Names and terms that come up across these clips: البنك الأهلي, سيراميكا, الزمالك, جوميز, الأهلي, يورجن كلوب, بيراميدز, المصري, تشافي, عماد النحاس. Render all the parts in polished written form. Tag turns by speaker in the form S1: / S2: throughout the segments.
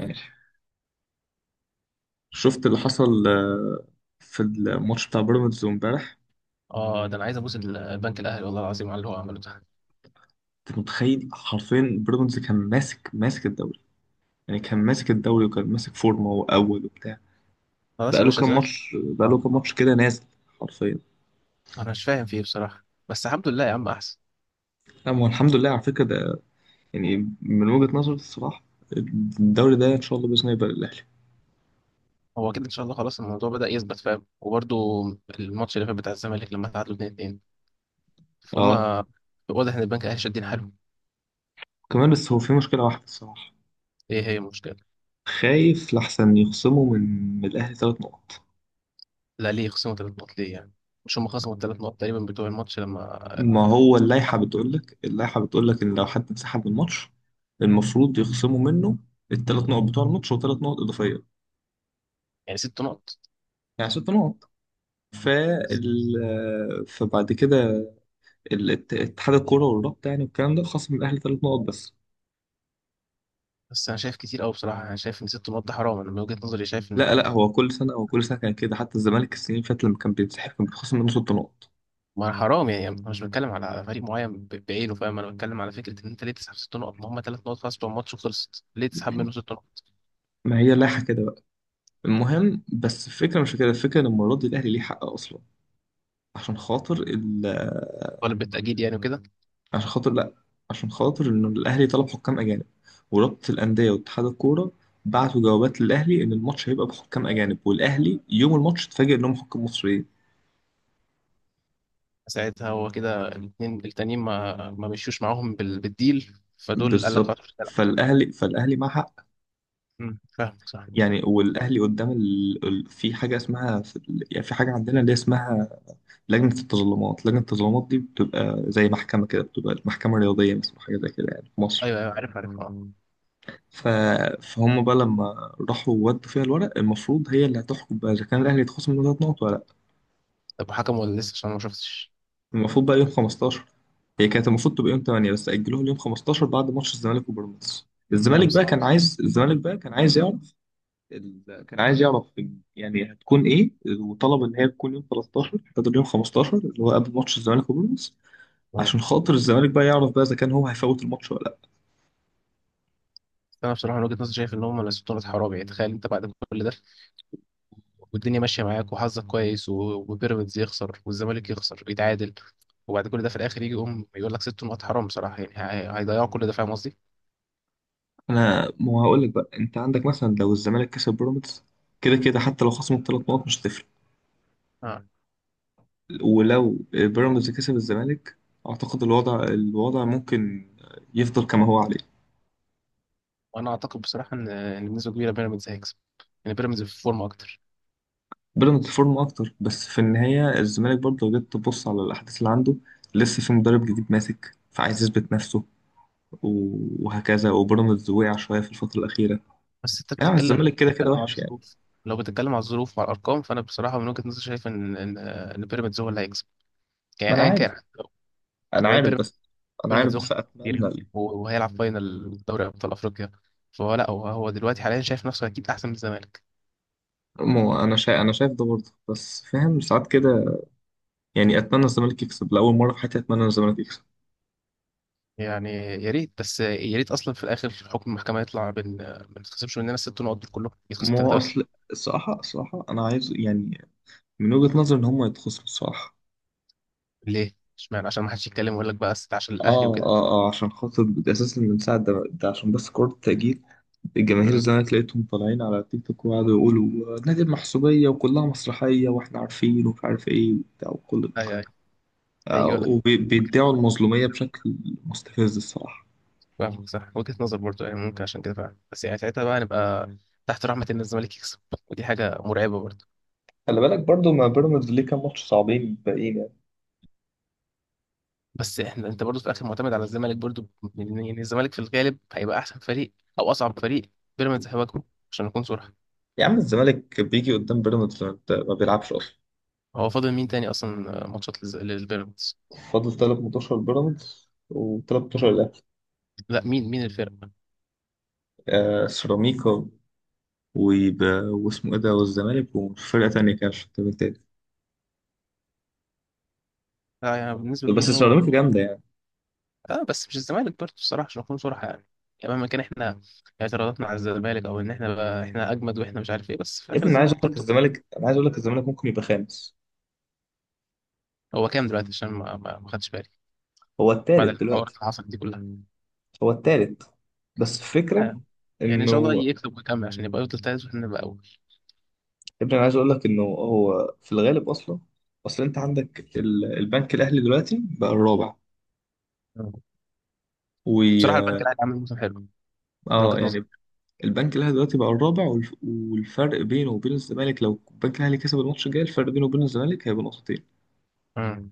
S1: ماشي. شفت اللي حصل في الماتش بتاع بيراميدز امبارح؟
S2: اه، ده انا عايز ابوس البنك الاهلي والله العظيم على اللي هو عمله ده.
S1: انت متخيل حرفيا بيراميدز كان ماسك الدوري، يعني كان ماسك الدوري وكان ماسك فورمه واول وبتاع.
S2: خلاص يا باشا دلوقتي.
S1: بقاله
S2: آه.
S1: كام ماتش كده نازل حرفيا.
S2: انا مش فاهم فيه بصراحه، بس الحمد لله يا عم احسن.
S1: لا، ما هو الحمد لله على فكره ده، يعني، من وجهه نظري الصراحه، الدوري ده ان شاء الله باذن الله يبقى للاهلي.
S2: هو كده ان شاء الله، خلاص الموضوع بدأ يثبت، فاهم؟ وبرده الماتش اللي فات بتاع الزمالك لما تعادلوا 2-2، فهم،
S1: اه،
S2: واضح ان البنك الاهلي شادين حيلهم.
S1: كمان بس هو في مشكله واحده الصراحه.
S2: ايه هي المشكله؟
S1: خايف لحسن يخصموا من الاهلي ثلاث نقط.
S2: لا ليه خصموا ثلاث نقط ليه يعني؟ مش هم خصموا الثلاث نقط تقريبا بتوع الماتش لما
S1: ما هو اللائحة
S2: سحبوا؟
S1: بتقول لك، إن لو حد انسحب من الماتش المفروض يخصموا منه الثلاث نقط بتوع الماتش وثلاث نقط إضافية،
S2: يعني ست نقط؟
S1: يعني ست نقط. فال...
S2: بس.
S1: فبعد كده اتحاد الكورة والرابطة، يعني والكلام ده، خصم الأهلي ثلاث نقط بس.
S2: بس انا شايف كتير قوي بصراحه، انا شايف ان ست نقط ده حرام، انا من وجهه نظري شايف ان
S1: لا لا، هو كل سنة، كان كده، حتى الزمالك السنين اللي فاتت لما كان بينسحب كان بيتخصم منه ست نقط.
S2: ما حرام يعني. انا مش بتكلم على فريق معين بعينه، فاهم؟ انا بتكلم على فكره ان انت ليه تسحب ست نقط؟ ما هم ثلاث نقط خلاص بتوع الماتش وخلصت، ليه تسحب منه ست نقط؟
S1: ما هي اللائحة كده بقى. المهم، بس الفكرة مش كده، الفكرة إن المرة دي الأهلي ليه حق أصلا، عشان خاطر،
S2: طالب بالتاجيل يعني وكده.
S1: عشان خاطر لا، عشان خاطر ان الاهلي طلب حكام اجانب، ورابطه الانديه واتحاد الكوره بعتوا جوابات للاهلي ان الماتش هيبقى بحكام اجانب، والاهلي يوم الماتش اتفاجئ انهم حكام مصريين.
S2: ساعتها هو كده الاثنين التانيين ما مشيوش معاهم بالديل، فدول قال لك
S1: بالظبط.
S2: خلاص مش هتلعب.
S1: فالاهلي معاه حق.
S2: فاهمك صح.
S1: يعني والاهلي قدام في حاجه اسمها، يعني في حاجه عندنا اللي اسمها لجنه التظلمات. دي بتبقى زي محكمه كده، بتبقى محكمه رياضيه مثلا، حاجه زي كده يعني في مصر.
S2: ايوه ايوه، عارف عارف، اه.
S1: ف... فهم بقى لما راحوا ودوا فيها الورق، المفروض هي اللي هتحكم بقى اذا كان الاهلي يتخصم منه ثلاث نقط ولا.
S2: طب حكم ولا لسه؟ عشان انا ما شفتش.
S1: المفروض بقى يوم 15، هي كانت المفروض تبقى يوم 8 بس أجلوها ليوم 15 بعد ماتش الزمالك وبيراميدز.
S2: لا
S1: الزمالك
S2: بس
S1: بقى
S2: اه.
S1: كان عايز، يعرف ال... كان عايز يعرف يعني هتكون ايه، وطلب ان هي تكون يوم 13 بدل يوم 15، اللي هو قبل ماتش الزمالك وبيراميدز،
S2: آه.
S1: عشان خاطر الزمالك بقى يعرف بقى اذا كان هو هيفوت الماتش ولا لا.
S2: بس انا بصراحه من وجهه نظري شايف ان هم الست نقط حرام. يعني تخيل انت بعد كل ده، والدنيا ماشيه معاك وحظك كويس وبيراميدز يخسر والزمالك يخسر ويتعادل، وبعد كل ده في الاخر يجي يقوم يقول لك ست نقط، حرام بصراحه يعني. هيضيعوا كل ده، فاهم قصدي؟
S1: انا ما هقول لك بقى، انت عندك مثلا لو الزمالك كسب بيراميدز، كده كده حتى لو خصموا ثلاث نقط مش هتفرق.
S2: اه.
S1: ولو بيراميدز كسب الزمالك، اعتقد الوضع ممكن يفضل كما هو عليه.
S2: وانا اعتقد بصراحه ان بنسبه كبيره بيراميدز هيكسب، يعني بيراميدز في فورمه اكتر.
S1: بيراميدز فورمه اكتر، بس في النهايه الزمالك برضه لو جيت تبص على الاحداث اللي عنده، لسه في مدرب جديد ماسك فعايز يثبت نفسه وهكذا. وبيراميدز وقع شويه في الفتره الاخيره،
S2: بس انت
S1: يعني
S2: بتتكلم، لو
S1: الزمالك كده كده
S2: بتتكلم على
S1: وحش يعني.
S2: الظروف، لو بتتكلم على الظروف وعلى الارقام، فانا بصراحه من وجهه نظري شايف ان بيراميدز هو اللي هيكسب،
S1: ما
S2: يعني
S1: انا
S2: ايا
S1: عارف،
S2: كان.
S1: انا
S2: وبعدين
S1: عارف
S2: بيراميدز
S1: بس، انا عارف
S2: بيراميدز واخد
S1: بس
S2: كتير،
S1: اتمنى.
S2: وهيلعب فاينل دوري ابطال افريقيا، فهو لا، هو هو دلوقتي حاليا شايف نفسه اكيد احسن من الزمالك.
S1: ما انا شايف، انا شايف ده برضه، بس فاهم ساعات كده. يعني اتمنى الزمالك يكسب، لاول مره في حياتي اتمنى الزمالك يكسب.
S2: يعني يا ريت، بس يا ريت اصلا في الاخر حكم المحكمه يطلع بان ما نتخصمش مننا الست نقط دول كلهم، يتخصم
S1: ما
S2: ثلاثه
S1: هو
S2: بس.
S1: اصل، الصراحه الصراحه انا عايز يعني، من وجهه نظري ان هم يتخصموا الصراحه.
S2: ليه؟ اشمعنى؟ عشان ما حدش يتكلم ويقول لك بقى ست عشان الاهلي
S1: اه
S2: وكده.
S1: اه اه، عشان خاطر اساسا من ساعه ده، عشان بس كره التأجيل. الجماهير
S2: امم
S1: الزمالك لقيتهم طالعين على تيك توك وقعدوا يقولوا نادي المحسوبيه وكلها مسرحيه واحنا عارفين ومش عارف ايه وبتاع وكل ده،
S2: ايوه ايوه، هيجي يقول لك.
S1: وبيدعوا المظلوميه بشكل مستفز الصراحه.
S2: فاهمك صح، وجهه نظر برضه يعني، ممكن عشان كده فعلا، بس يعني ساعتها بقى نبقى تحت رحمه ان الزمالك يكسب، ودي حاجه مرعبه برضه.
S1: خلي بالك برضو، ما بيراميدز ليه كام ماتش صعبين باقيين يعني.
S2: بس احنا، انت برضه في الاخر معتمد على الزمالك برضه، يعني الزمالك في الغالب هيبقى احسن فريق، او اصعب فريق بيراميدز هيواجهه، عشان نكون صراحه.
S1: يا عم، الزمالك بيجي قدام بيراميدز ما بيلعبش اصلا.
S2: هو فاضل مين تاني اصلا ماتشات للبيراميدز؟
S1: فاضل تلات ماتشات بيراميدز وتلات ماتشات الأهلي.
S2: لا مين الفرقة؟
S1: آه، سيراميكا، ويبقى واسمه إيه ده، والزمالك، وفرقة تانية كده مش فاكر مين تاني.
S2: لا يعني بنسبة
S1: بس
S2: كبيرة هو.
S1: سيراميكا جامدة يعني.
S2: اه بس مش الزمالك برضه الصراحة، عشان نكون صراحة يعني، يعني مهما كان احنا اعتراضاتنا على الزمالك، او ان احنا بقى احنا اجمد واحنا مش عارف ايه، بس في
S1: يا
S2: الاخر
S1: ابني، أنا عايز
S2: الزمالك
S1: أقول لك
S2: برضه.
S1: الزمالك، ممكن يبقى خامس.
S2: هو كام دلوقتي عشان ما خدش بالي
S1: هو
S2: بعد
S1: التالت
S2: الحوارات
S1: دلوقتي.
S2: اللي حصلت دي كلها؟
S1: هو التالت. بس الفكرة
S2: آه. يعني ان شاء الله
S1: إنه،
S2: يكسب ويكمل عشان يبقى يفضل تالت واحنا نبقى اول.
S1: يا ابني أنا عايز أقول لك إنه هو في الغالب أصلا، أصل أنت عندك البنك الأهلي دلوقتي بقى الرابع.
S2: آه. بصراحة
S1: و
S2: البنك الاهلي عامل موسم حلو من وجهة نظري.
S1: يعني، البنك الاهلي دلوقتي بقى الرابع، والفرق بينه وبين الزمالك لو البنك الاهلي كسب الماتش الجاي، الفرق بينه وبين الزمالك هيبقى نقطتين.
S2: مم.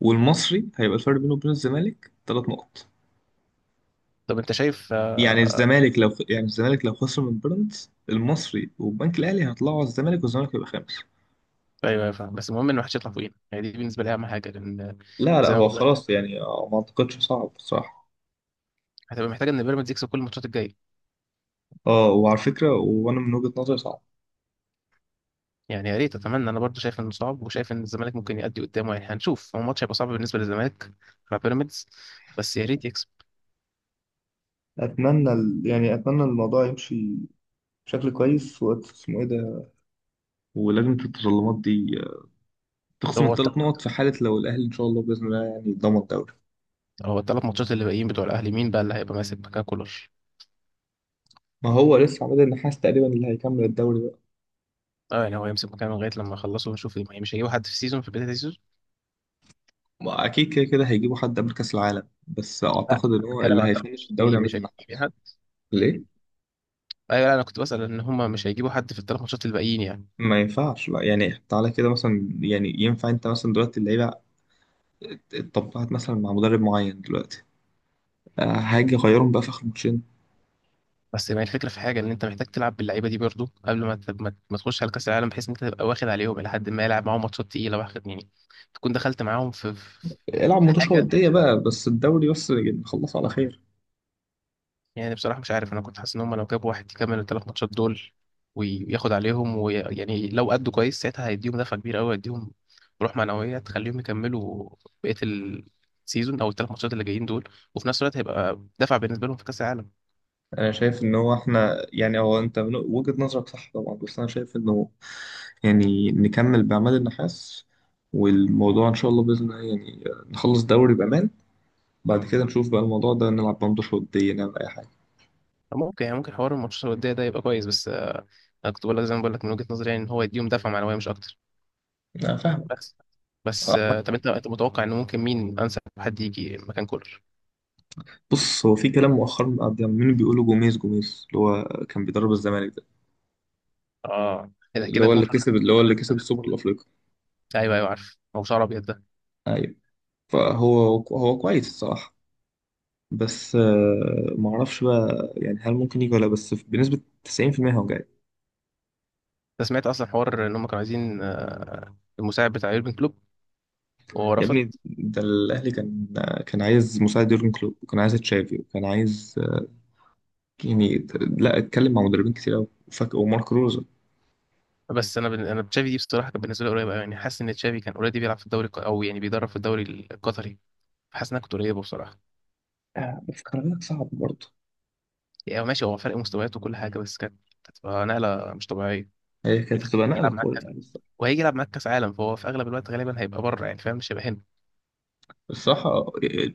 S1: والمصري هيبقى الفرق بينه وبين الزمالك ثلاث نقط.
S2: طب انت شايف؟
S1: يعني
S2: آه،
S1: الزمالك لو، خسر من بيراميدز، المصري والبنك الاهلي هيطلعوا على الزمالك والزمالك هيبقى خامس.
S2: ايوه ايوه فاهم، بس المهم ان ما حدش يطلع فوقينا، يعني دي بالنسبه لي اهم حاجه، لان
S1: لا لا،
S2: زي ما
S1: هو
S2: بقول لك
S1: خلاص يعني ما اعتقدش صعب بصراحة.
S2: هتبقى محتاج ان بيراميدز يكسب كل الماتشات الجايه،
S1: اه، وعلى فكرة، وانا من وجهة نظري صعب.
S2: يعني يا ريت. اتمنى، انا برضو شايف انه صعب، وشايف ان الزمالك ممكن يأدي قدامه، يعني هنشوف، هو الماتش هيبقى صعب بالنسبه للزمالك مع بيراميدز، بس يا ريت يكسب.
S1: اتمنى يعني اتمنى الموضوع يمشي بشكل كويس، وقت اسمه ايه ده، ولجنة التظلمات دي، تخصم
S2: هو الت-
S1: الثلاث نقط في حالة لو الأهلي إن شاء الله بإذن الله يعني ضمن الدوري.
S2: هو الثلاث ماتشات اللي باقيين بتوع الاهلي مين بقى اللي هيبقى ماسك مكان كولر؟
S1: ما هو لسه عماد النحاس تقريبا اللي هيكمل الدوري بقى.
S2: اه يعني هو يمسك مكانه لغايه لما يخلصوا ونشوف، يعني مش هيجيبوا حد في السيزون، في بدايه السيزون؟
S1: ما أكيد كده كده هيجيبوا حد قبل كأس العالم، بس
S2: لا
S1: أعتقد إن هو
S2: بتكلم
S1: اللي
S2: عن الثلاث ماتشات
S1: هيفنش الدوري
S2: الجايين،
S1: عماد
S2: مش هيجيبوا
S1: النحاس.
S2: حد؟
S1: ليه؟
S2: مم. ايوه لا، انا كنت بسأل ان هم مش هيجيبوا حد في الثلاث ماتشات اللي باقيين يعني.
S1: ما ينفعش، لا، يعني تعالى كده مثلا، يعني ينفع أنت مثلا دلوقتي اللعيبة اتطبعت مثلا مع مدرب معين دلوقتي، هاجي أغيرهم بقى في آخر ماتشين؟
S2: بس ما هي الفكره في حاجه، ان انت محتاج تلعب باللعيبه دي برضو قبل ما ما تخش على كاس العالم، بحيث ان انت تبقى واخد عليهم الى حد ما، يلعب معاهم ماتشات تقيله، واخد يعني، تكون دخلت معاهم في في
S1: العب
S2: في
S1: ماتش
S2: حاجه،
S1: ودية بقى، بس الدوري بس يعني نخلصه على خير.
S2: يعني بصراحه مش عارف. انا كنت حاسس ان هم لو جابوا واحد يكمل الثلاث ماتشات دول وياخد عليهم، ويعني لو أدوا كويس ساعتها هيديهم دفعه كبيره قوي، هيديهم روح معنويه تخليهم يكملوا بقيه السيزون او الثلاث ماتشات اللي جايين دول، وفي نفس الوقت هيبقى دفع بالنسبه لهم في كاس العالم.
S1: انا شايف ان هو احنا، يعني هو، انت من وجهة نظرك صح طبعا، بس انا شايف انه يعني نكمل باعمال النحاس، والموضوع ان شاء الله باذن الله يعني نخلص دوري بامان، بعد
S2: آه.
S1: كده نشوف بقى الموضوع ده، نلعب بندش ودية نعمل اي حاجه.
S2: ممكن يعني، ممكن حوار الماتشات الودية ده يبقى كويس، بس آه، انا كنت بقول لك زي ما بقول لك من وجهة نظري يعني، ان هو يديهم دفعة معنوية، مش اكتر.
S1: انا فاهمك.
S2: بس. آه، طب انت متوقع ان ممكن مين انسب حد يجي مكان كولر؟
S1: بص، هو في كلام مؤخرا قاعد عمالين بيقولوا جوميز، جوميز اللي هو كان بيدرب الزمالك ده،
S2: اه، كده
S1: اللي
S2: كده
S1: هو
S2: يكون
S1: اللي
S2: خد.
S1: كسب، السوبر الافريقي.
S2: ايوه ايوه عارف، هو شعر ابيض ده.
S1: ايوه. فهو هو كويس الصراحه. بس معرفش بقى، يعني هل ممكن يجي ولا لأ، بس بنسبه 90% هو.
S2: انت سمعت اصلا حوار ان هم كانوا عايزين آه، المساعد بتاع يورجن كلوب وهو
S1: يا
S2: رفض؟
S1: ابني، ده الاهلي كان، كان عايز مساعد يورجن كلوب، وكان عايز تشافي، وكان عايز يعني، لا، اتكلم مع مدربين كتير قوي، وفاك، ومارك روزا.
S2: انا تشافي دي بصراحه كانت بالنسبه لي قريبه أوي، يعني حاسس ان تشافي كان اوريدي بيلعب في الدوري او يعني بيدرب في الدوري القطري، فحاسس انها كانت قريبه بصراحه.
S1: آه، بس خلي بالك صعب برضه.
S2: يعني ماشي، هو فرق مستويات وكل حاجه، بس كانت هتبقى نقله مش طبيعيه،
S1: هي كانت
S2: بتخليه
S1: هتبقى
S2: يلعب
S1: نقله
S2: معاك
S1: قويه
S2: كاس،
S1: يعني الصراحه.
S2: وهيجي يلعب معاك كاس عالم، فهو في اغلب الوقت غالبا هيبقى بره، يعني فاهم، مش هيبقى هنا
S1: الصراحة،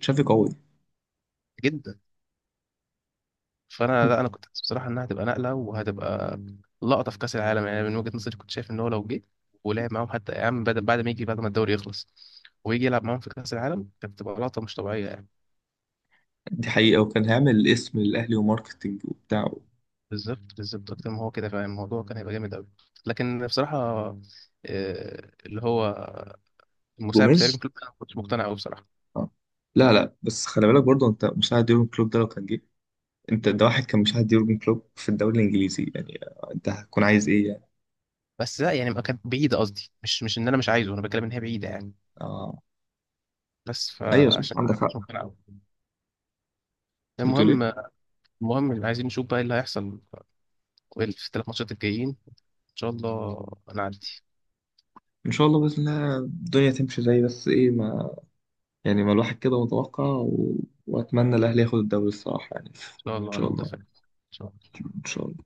S1: تشافي قوي.
S2: جدا. فانا لا، انا كنت حاسس بصراحه انها هتبقى نقله وهتبقى لقطه في كاس العالم، يعني من وجهه نظري كنت شايف ان هو لو جه ولعب معاهم، حتى يا عم بعد ما يجي، بعد ما الدوري يخلص ويجي يلعب معاهم في كاس العالم، كانت تبقى لقطه مش طبيعيه يعني.
S1: دي حقيقه، وكان هيعمل اسم للاهلي وماركتنج وبتاع.
S2: بالظبط بالظبط، اكتر ما هو كده، فاهم الموضوع كان هيبقى جامد قوي. لكن بصراحه آه، اللي هو المساعد بتاع يورجن
S1: جوميز.
S2: كلوب انا ما كنتش مقتنع قوي بصراحه.
S1: آه. لا لا، بس خلي بالك برضه، انت مساعد يورجن كلوب ده لو كان جه، انت ده واحد كان مساعد يورجن كلوب في الدوري الانجليزي، يعني انت هتكون عايز ايه يعني.
S2: بس لا يعني، ما كانت بعيدة، قصدي مش، ان انا مش عايزه، انا بتكلم ان هي بعيدة يعني،
S1: اه
S2: بس
S1: ايوه صح،
S2: فعشان
S1: عندك
S2: كده
S1: حق.
S2: كنت ربنا قوي.
S1: بتقول ايه؟
S2: المهم. اللي عايزين نشوف بقى إيه اللي هيحصل في الثلاث ماتشات الجايين ان شاء الله. انا عندي،
S1: ان شاء الله باذن الله الدنيا تمشي زي، بس ايه ما، يعني ما الواحد كده متوقع واتمنى الاهلي ياخد الدوري الصراحه، يعني ان
S2: ان شاء الله انا
S1: شاء الله،
S2: متفائل إن شاء
S1: ان شاء الله.